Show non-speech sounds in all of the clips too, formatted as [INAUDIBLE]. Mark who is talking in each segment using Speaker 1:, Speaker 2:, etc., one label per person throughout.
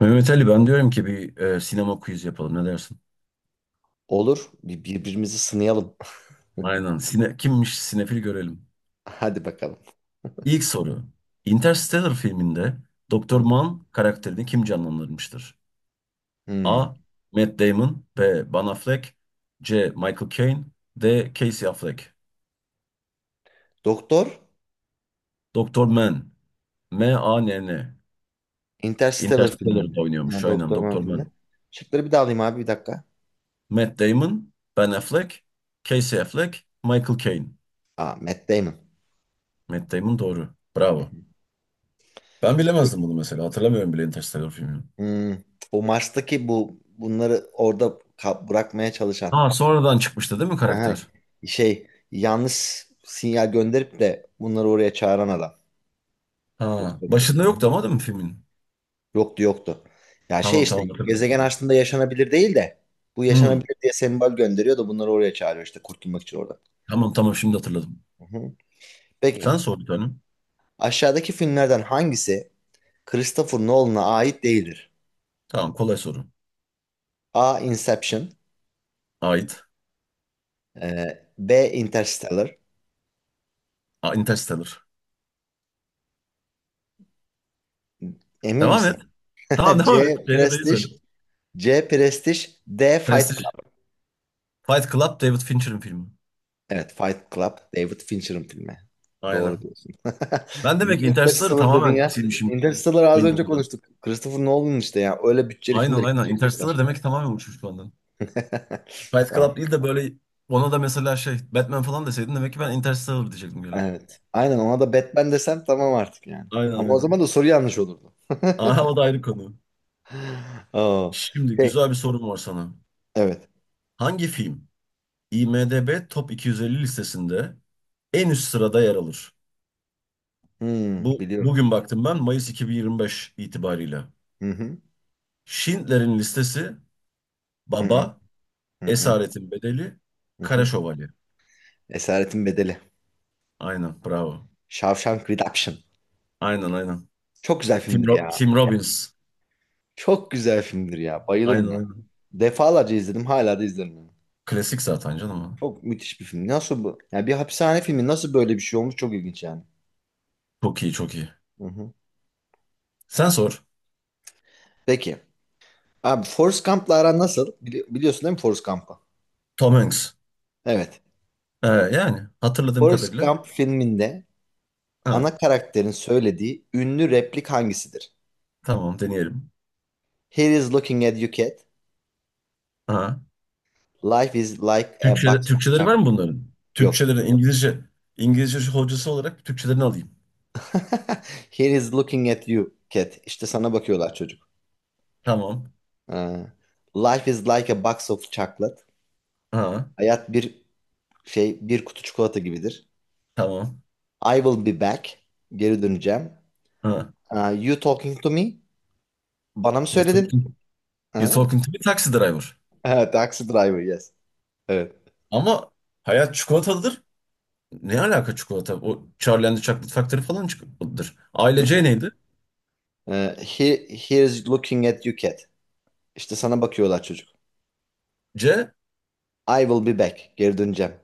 Speaker 1: Mehmet Ali, ben diyorum ki bir sinema quiz yapalım, ne dersin?
Speaker 2: Olur. Birbirimizi sınayalım. [LAUGHS]
Speaker 1: Aynen. Kimmiş sinefil görelim.
Speaker 2: Hadi bakalım.
Speaker 1: İlk soru. Interstellar filminde Doktor
Speaker 2: Hmm.
Speaker 1: Mann karakterini kim canlandırmıştır?
Speaker 2: Hmm.
Speaker 1: A. Matt Damon. B. Ben Affleck. C. Michael Caine. D. Casey Affleck.
Speaker 2: Doktor
Speaker 1: Doktor Mann. M-A-N-N.
Speaker 2: Interstellar
Speaker 1: Interstellar'da
Speaker 2: filmi. Ha,
Speaker 1: oynuyormuş aynen
Speaker 2: Doktor Man
Speaker 1: Doktor
Speaker 2: filmi.
Speaker 1: Mann.
Speaker 2: Şıkları bir daha alayım abi, bir dakika.
Speaker 1: Matt Damon, Ben Affleck, Casey Affleck, Michael Caine.
Speaker 2: Aa, Matt Damon.
Speaker 1: Matt Damon doğru.
Speaker 2: Hı hı.
Speaker 1: Bravo. Ben bilemezdim
Speaker 2: Peki.
Speaker 1: bunu mesela. Hatırlamıyorum bile Interstellar filmini.
Speaker 2: Hmm. O Mars'taki, bu bunları orada bırakmaya çalışan.
Speaker 1: Ha, sonradan çıkmıştı değil mi
Speaker 2: Aha.
Speaker 1: karakter?
Speaker 2: Şey Yanlış sinyal gönderip de bunları oraya çağıran adam.
Speaker 1: Ha,
Speaker 2: Doktor Man.
Speaker 1: başında
Speaker 2: Hı
Speaker 1: yoktu
Speaker 2: hı.
Speaker 1: ama değil mi filmin?
Speaker 2: Yoktu, yoktu. Ya
Speaker 1: Tamam
Speaker 2: işte
Speaker 1: tamam, hatırladım
Speaker 2: gezegen
Speaker 1: şimdi.
Speaker 2: aslında yaşanabilir değil de bu
Speaker 1: Hmm.
Speaker 2: yaşanabilir diye sembol gönderiyor da bunları oraya çağırıyor işte, kurtulmak için orada.
Speaker 1: Tamam tamam, şimdi hatırladım.
Speaker 2: Hı hı. Peki,
Speaker 1: Sen sor bir tane.
Speaker 2: aşağıdaki filmlerden hangisi Christopher Nolan'a ait değildir?
Speaker 1: Tamam, kolay soru.
Speaker 2: A. Inception.
Speaker 1: Ait.
Speaker 2: B. Interstellar.
Speaker 1: Aa, Interstellar.
Speaker 2: Emin
Speaker 1: Devam et.
Speaker 2: misin?
Speaker 1: Tamam,
Speaker 2: [LAUGHS]
Speaker 1: devam et.
Speaker 2: C.
Speaker 1: Şeyle de iyi
Speaker 2: Prestige.
Speaker 1: söyle.
Speaker 2: C. Prestige. D. Fight.
Speaker 1: Prestige. Fight Club David Fincher'ın filmi.
Speaker 2: Evet, Fight Club, David Fincher'ın filmi. Doğru
Speaker 1: Aynen.
Speaker 2: diyorsun. [LAUGHS]
Speaker 1: Ben demek ki
Speaker 2: Niye
Speaker 1: Interstellar'ı
Speaker 2: Interstellar dedin
Speaker 1: tamamen
Speaker 2: ya?
Speaker 1: silmişim
Speaker 2: Interstellar az önce
Speaker 1: beynimden.
Speaker 2: konuştuk. Christopher Nolan işte ya. Öyle bütçeli
Speaker 1: Aynen
Speaker 2: filmleri kim
Speaker 1: aynen.
Speaker 2: çekecekler?
Speaker 1: Interstellar demek ki tamamen uçmuş benden. Fight
Speaker 2: Tamam.
Speaker 1: Club değil de böyle, ona da mesela şey Batman falan deseydin demek ki ben Interstellar diyecektim gene.
Speaker 2: Evet. Aynen, ona da Batman desen tamam artık yani.
Speaker 1: Aynen
Speaker 2: Ama o
Speaker 1: aynen.
Speaker 2: zaman da soru yanlış olurdu.
Speaker 1: Aa, o da ayrı konu.
Speaker 2: [LAUGHS] Aa,
Speaker 1: Şimdi
Speaker 2: şey,
Speaker 1: güzel bir sorum var sana.
Speaker 2: evet.
Speaker 1: Hangi film IMDb Top 250 listesinde en üst sırada yer alır?
Speaker 2: Hmm,
Speaker 1: Bu
Speaker 2: biliyorum.
Speaker 1: bugün baktım ben, Mayıs 2025 itibariyle.
Speaker 2: Hı hı.
Speaker 1: Schindler'in listesi,
Speaker 2: Hı hı.
Speaker 1: Baba,
Speaker 2: Hı hı.
Speaker 1: Esaretin Bedeli,
Speaker 2: Hı
Speaker 1: Kara
Speaker 2: hı.
Speaker 1: Şövalye.
Speaker 2: Esaretin Bedeli.
Speaker 1: Aynen, bravo.
Speaker 2: Shawshank Redemption.
Speaker 1: Aynen aynen.
Speaker 2: Çok güzel filmdir ya.
Speaker 1: Tim Robbins.
Speaker 2: Çok güzel filmdir ya.
Speaker 1: Aynen
Speaker 2: Bayılırım ya.
Speaker 1: aynen.
Speaker 2: Defalarca izledim, hala da izlerim yani.
Speaker 1: Klasik zaten canım o.
Speaker 2: Çok müthiş bir film. Nasıl bu? Yani bir hapishane filmi nasıl böyle bir şey olmuş? Çok ilginç yani.
Speaker 1: Çok iyi çok iyi.
Speaker 2: Hı hı.
Speaker 1: Sen sor.
Speaker 2: Peki. Abi, Forrest Gump'la aran nasıl? Biliyorsun değil mi Forrest Gump'ı?
Speaker 1: Tom Hanks.
Speaker 2: Evet.
Speaker 1: Yani hatırladığım
Speaker 2: Forrest
Speaker 1: kadarıyla.
Speaker 2: Gump filminde
Speaker 1: Ha,
Speaker 2: ana karakterin söylediği ünlü replik hangisidir?
Speaker 1: tamam deneyelim.
Speaker 2: Here is looking at you cat.
Speaker 1: Ha.
Speaker 2: Life is like a box of
Speaker 1: Türkçeleri var mı
Speaker 2: chocolate.
Speaker 1: bunların?
Speaker 2: Yok.
Speaker 1: Türkçelerin İngilizce hocası olarak Türkçelerini alayım.
Speaker 2: [LAUGHS] Here is looking at you cat. İşte sana bakıyorlar çocuk.
Speaker 1: Tamam.
Speaker 2: Ha. Life is like a box of chocolate.
Speaker 1: Ha.
Speaker 2: Hayat bir bir kutu çikolata gibidir.
Speaker 1: Tamam.
Speaker 2: I will be back. Geri döneceğim.
Speaker 1: Ha.
Speaker 2: Aa, you talking to me? Bana mı
Speaker 1: You're
Speaker 2: söyledin?
Speaker 1: talking, you're
Speaker 2: Ha?
Speaker 1: talking
Speaker 2: [LAUGHS]
Speaker 1: to a taxi driver.
Speaker 2: Ha, Taxi driver yes. Evet.
Speaker 1: Ama hayat çikolatalıdır. Ne alaka çikolata? O Charlie and the Chocolate Factory falan çikolatalıdır. Aile
Speaker 2: [LAUGHS]
Speaker 1: C neydi?
Speaker 2: He is looking at you cat. İşte sana bakıyorlar çocuk.
Speaker 1: C
Speaker 2: I will be back. Geri döneceğim.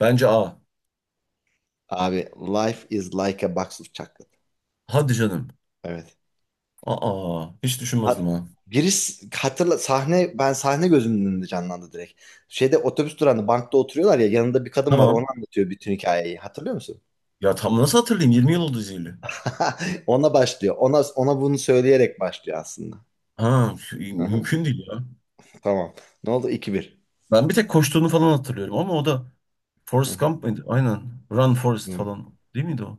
Speaker 1: bence A.
Speaker 2: Abi, life is like a box of chocolate.
Speaker 1: Hadi canım.
Speaker 2: Evet.
Speaker 1: Aa, hiç düşünmezdim
Speaker 2: Hat
Speaker 1: ha.
Speaker 2: giriş hatırla sahne ben sahne gözümün önünde canlandı direkt. Şeyde, otobüs durağında bankta oturuyorlar ya, yanında bir kadın var, onu
Speaker 1: Tamam.
Speaker 2: anlatıyor bütün hikayeyi. Hatırlıyor musun?
Speaker 1: Ya tam nasıl hatırlayayım? 20 yıl oldu izleyeli.
Speaker 2: [LAUGHS] Ona başlıyor. Ona bunu söyleyerek başlıyor aslında.
Speaker 1: Ha,
Speaker 2: Hı hı.
Speaker 1: mümkün değil ya.
Speaker 2: Tamam. Ne oldu? 2 bir.
Speaker 1: Ben bir tek koştuğunu falan hatırlıyorum ama o da
Speaker 2: Hı
Speaker 1: Forrest
Speaker 2: hı.
Speaker 1: Gump mıydı? Aynen. Run Forrest
Speaker 2: Hı.
Speaker 1: falan. Değil miydi o?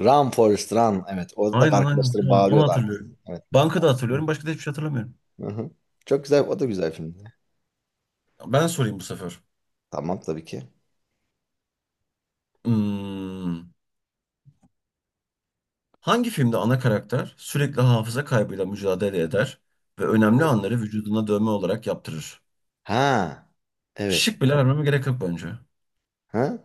Speaker 2: Run Forrest Run. Evet. Orada da
Speaker 1: Aynen aynen.
Speaker 2: arkadaşları
Speaker 1: Tamam, onu
Speaker 2: bağırıyordu arkasında.
Speaker 1: hatırlıyorum.
Speaker 2: Evet.
Speaker 1: Bankada hatırlıyorum. Başka da hiçbir şey hatırlamıyorum.
Speaker 2: Hı hı. Çok güzel. O da güzel filmdi.
Speaker 1: Ben sorayım bu sefer.
Speaker 2: Tamam, tabii ki.
Speaker 1: Hmm. Hangi filmde ana karakter sürekli hafıza kaybıyla mücadele eder ve önemli
Speaker 2: O.
Speaker 1: anları vücuduna dövme olarak yaptırır?
Speaker 2: Ha. Evet.
Speaker 1: Şık bile vermeme gerek yok bence.
Speaker 2: Ha?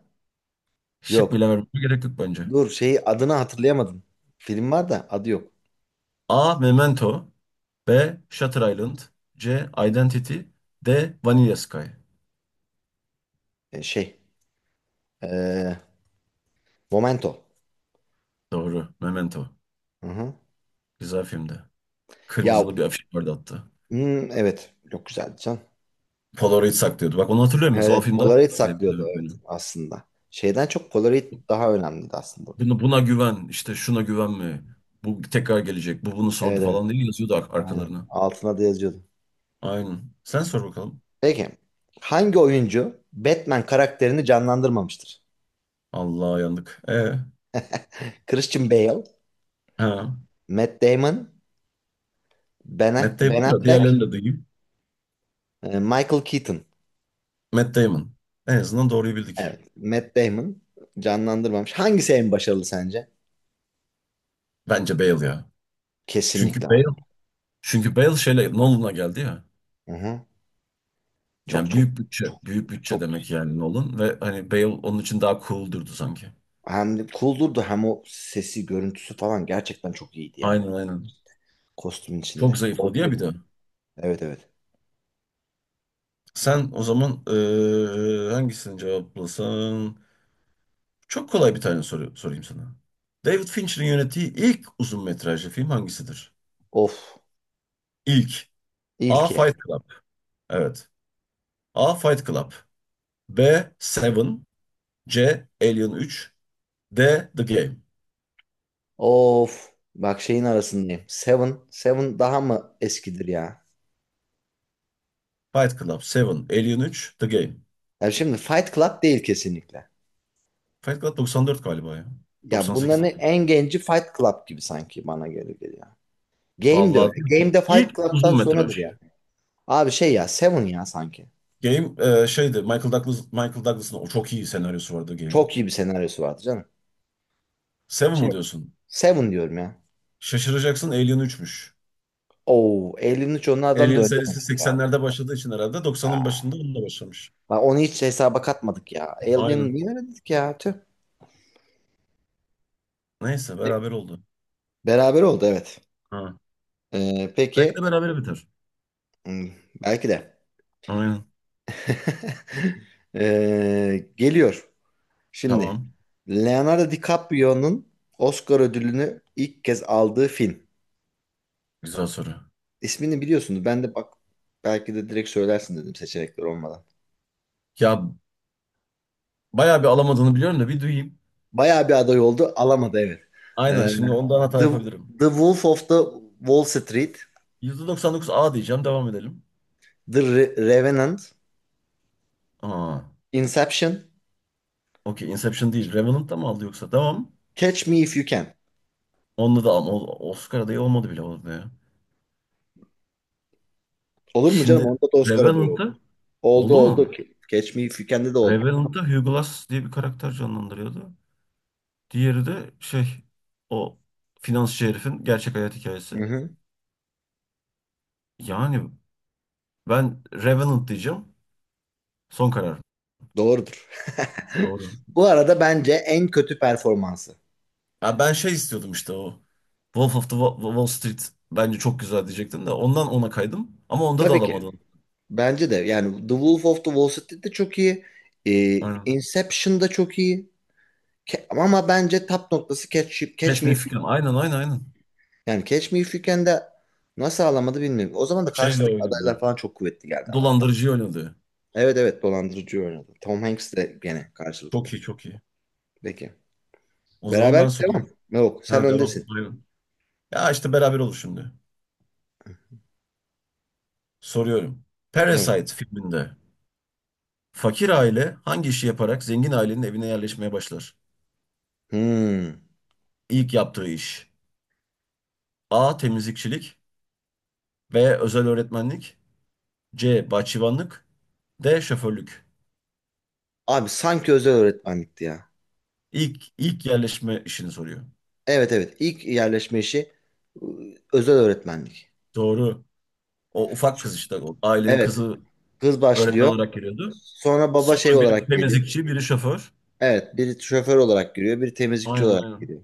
Speaker 1: Şık
Speaker 2: Yok.
Speaker 1: bile vermeme gerek yok bence.
Speaker 2: Dur, şeyi adını hatırlayamadım. Film var da adı yok.
Speaker 1: A. Memento. B. Shutter Island. C. Identity. D. Vanilla Sky.
Speaker 2: E, şey. E, Momento.
Speaker 1: Doğru. Memento.
Speaker 2: Hı hı.
Speaker 1: Güzel filmdi.
Speaker 2: Ya
Speaker 1: Kırmızılı bir afiş vardı hatta.
Speaker 2: hmm, evet. Çok güzeldi can.
Speaker 1: Polaroid saklıyordu. Bak, onu hatırlıyorum
Speaker 2: Evet,
Speaker 1: mesela. O
Speaker 2: evet.
Speaker 1: film daha çok
Speaker 2: Polaroid
Speaker 1: etkilemişti
Speaker 2: saklıyordu
Speaker 1: beni.
Speaker 2: evet aslında. Şeyden çok Polaroid daha önemliydi aslında burada.
Speaker 1: Buna güven, işte şuna güvenme. Bu tekrar gelecek. Bu bunu sordu
Speaker 2: Evet evet.
Speaker 1: falan diye yazıyordu
Speaker 2: Aynen.
Speaker 1: arkalarına.
Speaker 2: Altına da yazıyordu.
Speaker 1: Aynen. Sen sor bakalım.
Speaker 2: Peki. Hangi oyuncu Batman karakterini canlandırmamıştır?
Speaker 1: Allah yandık. E,
Speaker 2: Christian Bale,
Speaker 1: ha.
Speaker 2: Matt Damon,
Speaker 1: Matt
Speaker 2: Ben
Speaker 1: Damon da, diğerlerini
Speaker 2: Affleck,
Speaker 1: de duyayım.
Speaker 2: Michael Keaton.
Speaker 1: Matt Damon. En azından doğruyu bildik.
Speaker 2: Evet. Matt Damon canlandırmamış. Hangisi en başarılı sence?
Speaker 1: Bence Bale ya.
Speaker 2: Kesinlikle
Speaker 1: Çünkü
Speaker 2: abi.
Speaker 1: Bale çünkü Bale şeyle Nolan'a geldi ya.
Speaker 2: Hı-hı. Çok
Speaker 1: Yani
Speaker 2: çok
Speaker 1: büyük bütçe,
Speaker 2: çok
Speaker 1: büyük bütçe
Speaker 2: çok
Speaker 1: demek yani Nolan ve hani Bale onun için daha cool durdu sanki.
Speaker 2: hem de cool durdu, hem o sesi görüntüsü falan gerçekten çok iyiydi yani.
Speaker 1: Aynen aynen.
Speaker 2: Kostümün
Speaker 1: Çok
Speaker 2: içinde.
Speaker 1: zayıfladı ya
Speaker 2: Dolgu
Speaker 1: bir
Speaker 2: da.
Speaker 1: de.
Speaker 2: Evet evet.
Speaker 1: Sen o zaman hangisini cevaplasan? Çok kolay bir tane soru sorayım sana. David Fincher'ın yönettiği ilk uzun metrajlı film hangisidir?
Speaker 2: Of.
Speaker 1: İlk. A.
Speaker 2: İlki.
Speaker 1: Fight Club. Evet. A. Fight Club. B. Seven. C. Alien 3. D. The Game.
Speaker 2: Of. Bak, şeyin arasındayım. Seven. Seven daha mı eskidir ya?
Speaker 1: Fight Club, Seven, Alien 3, The Game.
Speaker 2: Ya şimdi Fight Club değil kesinlikle.
Speaker 1: Fight Club 94 galiba ya.
Speaker 2: Ya bunların
Speaker 1: 98.
Speaker 2: en genci Fight Club gibi sanki bana gelir geliyor. Game de
Speaker 1: Vallahi
Speaker 2: öyle.
Speaker 1: diyor ki
Speaker 2: Game de Fight
Speaker 1: ilk
Speaker 2: Club'tan
Speaker 1: uzun metraj.
Speaker 2: sonradır yani. Abi şey ya, Seven ya sanki.
Speaker 1: Game şeydi, Michael Douglas'ın o çok iyi senaryosu vardı Game'in.
Speaker 2: Çok iyi bir senaryosu vardı canım.
Speaker 1: Seven
Speaker 2: Şey
Speaker 1: mı diyorsun?
Speaker 2: Seven diyorum ya.
Speaker 1: Şaşıracaksın, Alien 3'müş.
Speaker 2: Oo, Alien'in onlardan da
Speaker 1: Alien
Speaker 2: önce
Speaker 1: serisi
Speaker 2: demek ya.
Speaker 1: 80'lerde başladığı için herhalde 90'ın
Speaker 2: Aa,
Speaker 1: başında onunla başlamış.
Speaker 2: bak onu hiç hesaba katmadık ya. Alien
Speaker 1: Aynen.
Speaker 2: niye öyle dedik ya? Tüh.
Speaker 1: Neyse beraber oldu.
Speaker 2: Beraber oldu evet.
Speaker 1: Ha. Belki de
Speaker 2: Peki
Speaker 1: beraber biter.
Speaker 2: hmm, belki de.
Speaker 1: Aynen.
Speaker 2: [LAUGHS] Geliyor. Şimdi
Speaker 1: Tamam.
Speaker 2: Leonardo DiCaprio'nun Oscar ödülünü ilk kez aldığı film.
Speaker 1: Güzel soru.
Speaker 2: İsmini biliyorsunuz. Ben de bak, belki de direkt söylersin dedim, seçenekler olmadan.
Speaker 1: Ya bayağı bir alamadığını biliyorum da bir duyayım.
Speaker 2: Bayağı bir aday oldu. Alamadı evet.
Speaker 1: Aynen,
Speaker 2: Ee,
Speaker 1: şimdi ondan hata
Speaker 2: The,
Speaker 1: yapabilirim.
Speaker 2: The Wolf of the Wall Street,
Speaker 1: %99 A diyeceğim. Devam edelim.
Speaker 2: Revenant,
Speaker 1: Aa.
Speaker 2: Inception,
Speaker 1: Okey, Inception değil. Revenant da mı aldı yoksa? Tamam.
Speaker 2: Catch Me If You Can.
Speaker 1: Onunla da ama Oscar adayı olmadı bile orada ya.
Speaker 2: Olur mu canım?
Speaker 1: Şimdi
Speaker 2: Onda da Oscar adayı oldu.
Speaker 1: Revenant'ı
Speaker 2: Oldu
Speaker 1: oldu
Speaker 2: oldu.
Speaker 1: mu?
Speaker 2: Catch Me If You Can'de de oldu.
Speaker 1: Revenant'ta Hugo Glass diye bir karakter canlandırıyordu. Diğeri de şey, o finansçı herifin gerçek hayat
Speaker 2: Hı
Speaker 1: hikayesi.
Speaker 2: hı.
Speaker 1: Yani ben Revenant diyeceğim. Son karar.
Speaker 2: Doğrudur.
Speaker 1: Doğru.
Speaker 2: [LAUGHS] Bu arada bence en kötü performansı.
Speaker 1: Ya ben şey istiyordum işte o. Wolf of the Wall Street bence çok güzel diyecektim de ondan ona kaydım. Ama onda da
Speaker 2: Tabii ki.
Speaker 1: alamadım.
Speaker 2: Bence de. Yani The Wolf of the Wall Street'te çok iyi. Ee,
Speaker 1: Aynen.
Speaker 2: Inception'da çok iyi. Ama bence tap noktası Catch
Speaker 1: Catch
Speaker 2: Me
Speaker 1: Me
Speaker 2: If
Speaker 1: If You
Speaker 2: You.
Speaker 1: Can. Aynen aynen aynen.
Speaker 2: Yani Catch Me If You Can'de nasıl ağlamadı bilmiyorum. O zaman da
Speaker 1: Şeyle
Speaker 2: karşılık adaylar
Speaker 1: oynadı.
Speaker 2: falan çok kuvvetli geldi ama.
Speaker 1: Dolandırıcıyı oynadı.
Speaker 2: Evet evet, dolandırıcı oynadı. Tom Hanks de gene karşılıklı.
Speaker 1: Çok iyi çok iyi.
Speaker 2: Peki.
Speaker 1: O zaman
Speaker 2: Beraber
Speaker 1: ben
Speaker 2: devam.
Speaker 1: sorayım.
Speaker 2: Yok, sen
Speaker 1: Ha, devam.
Speaker 2: öndesin.
Speaker 1: Aynen. Ya işte beraber olur şimdi. Soruyorum.
Speaker 2: Evet.
Speaker 1: Parasite filminde fakir aile hangi işi yaparak zengin ailenin evine yerleşmeye başlar?
Speaker 2: Hmm.
Speaker 1: İlk yaptığı iş. A. Temizlikçilik. B. Özel öğretmenlik. C. Bahçıvanlık. D. Şoförlük.
Speaker 2: Abi sanki özel öğretmenlikti ya.
Speaker 1: İlk yerleşme işini soruyor.
Speaker 2: Evet evet, ilk yerleşme işi özel öğretmenlik.
Speaker 1: Doğru. O ufak
Speaker 2: Şu-
Speaker 1: kız işte, o ailenin
Speaker 2: Evet,
Speaker 1: kızı
Speaker 2: kız
Speaker 1: öğretmen
Speaker 2: başlıyor.
Speaker 1: olarak geliyordu.
Speaker 2: Sonra baba şey
Speaker 1: Sonra biri
Speaker 2: olarak geliyor.
Speaker 1: temizlikçi, biri şoför.
Speaker 2: Evet, biri şoför olarak giriyor, biri temizlikçi
Speaker 1: Aynen
Speaker 2: olarak
Speaker 1: aynen.
Speaker 2: giriyor.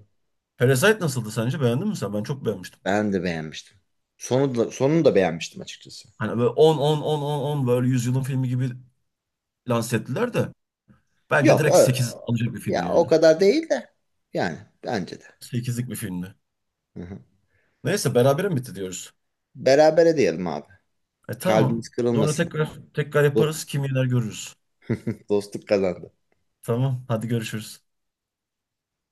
Speaker 1: Parasite nasıldı sence? Beğendin mi sen? Ben çok beğenmiştim.
Speaker 2: Ben de beğenmiştim. Sonu da, sonunu da beğenmiştim açıkçası.
Speaker 1: Hani böyle 10 10 10 10 10 böyle 100 yılın filmi gibi lanse ettiler de. Bence
Speaker 2: Yok
Speaker 1: direkt
Speaker 2: ö-
Speaker 1: 8 alacak bir filmdi
Speaker 2: ya o
Speaker 1: yani.
Speaker 2: kadar değil de yani, bence de.
Speaker 1: Sekizlik bir filmdi.
Speaker 2: Hı hı.
Speaker 1: Neyse, berabere mi bitti diyoruz?
Speaker 2: Berabere diyelim abi.
Speaker 1: E
Speaker 2: Kalbimiz
Speaker 1: tamam. Sonra
Speaker 2: kırılmasın.
Speaker 1: tekrar tekrar
Speaker 2: Do-
Speaker 1: yaparız. Kim yener görürüz.
Speaker 2: Dostluk kazandı.
Speaker 1: Tamam. Hadi görüşürüz.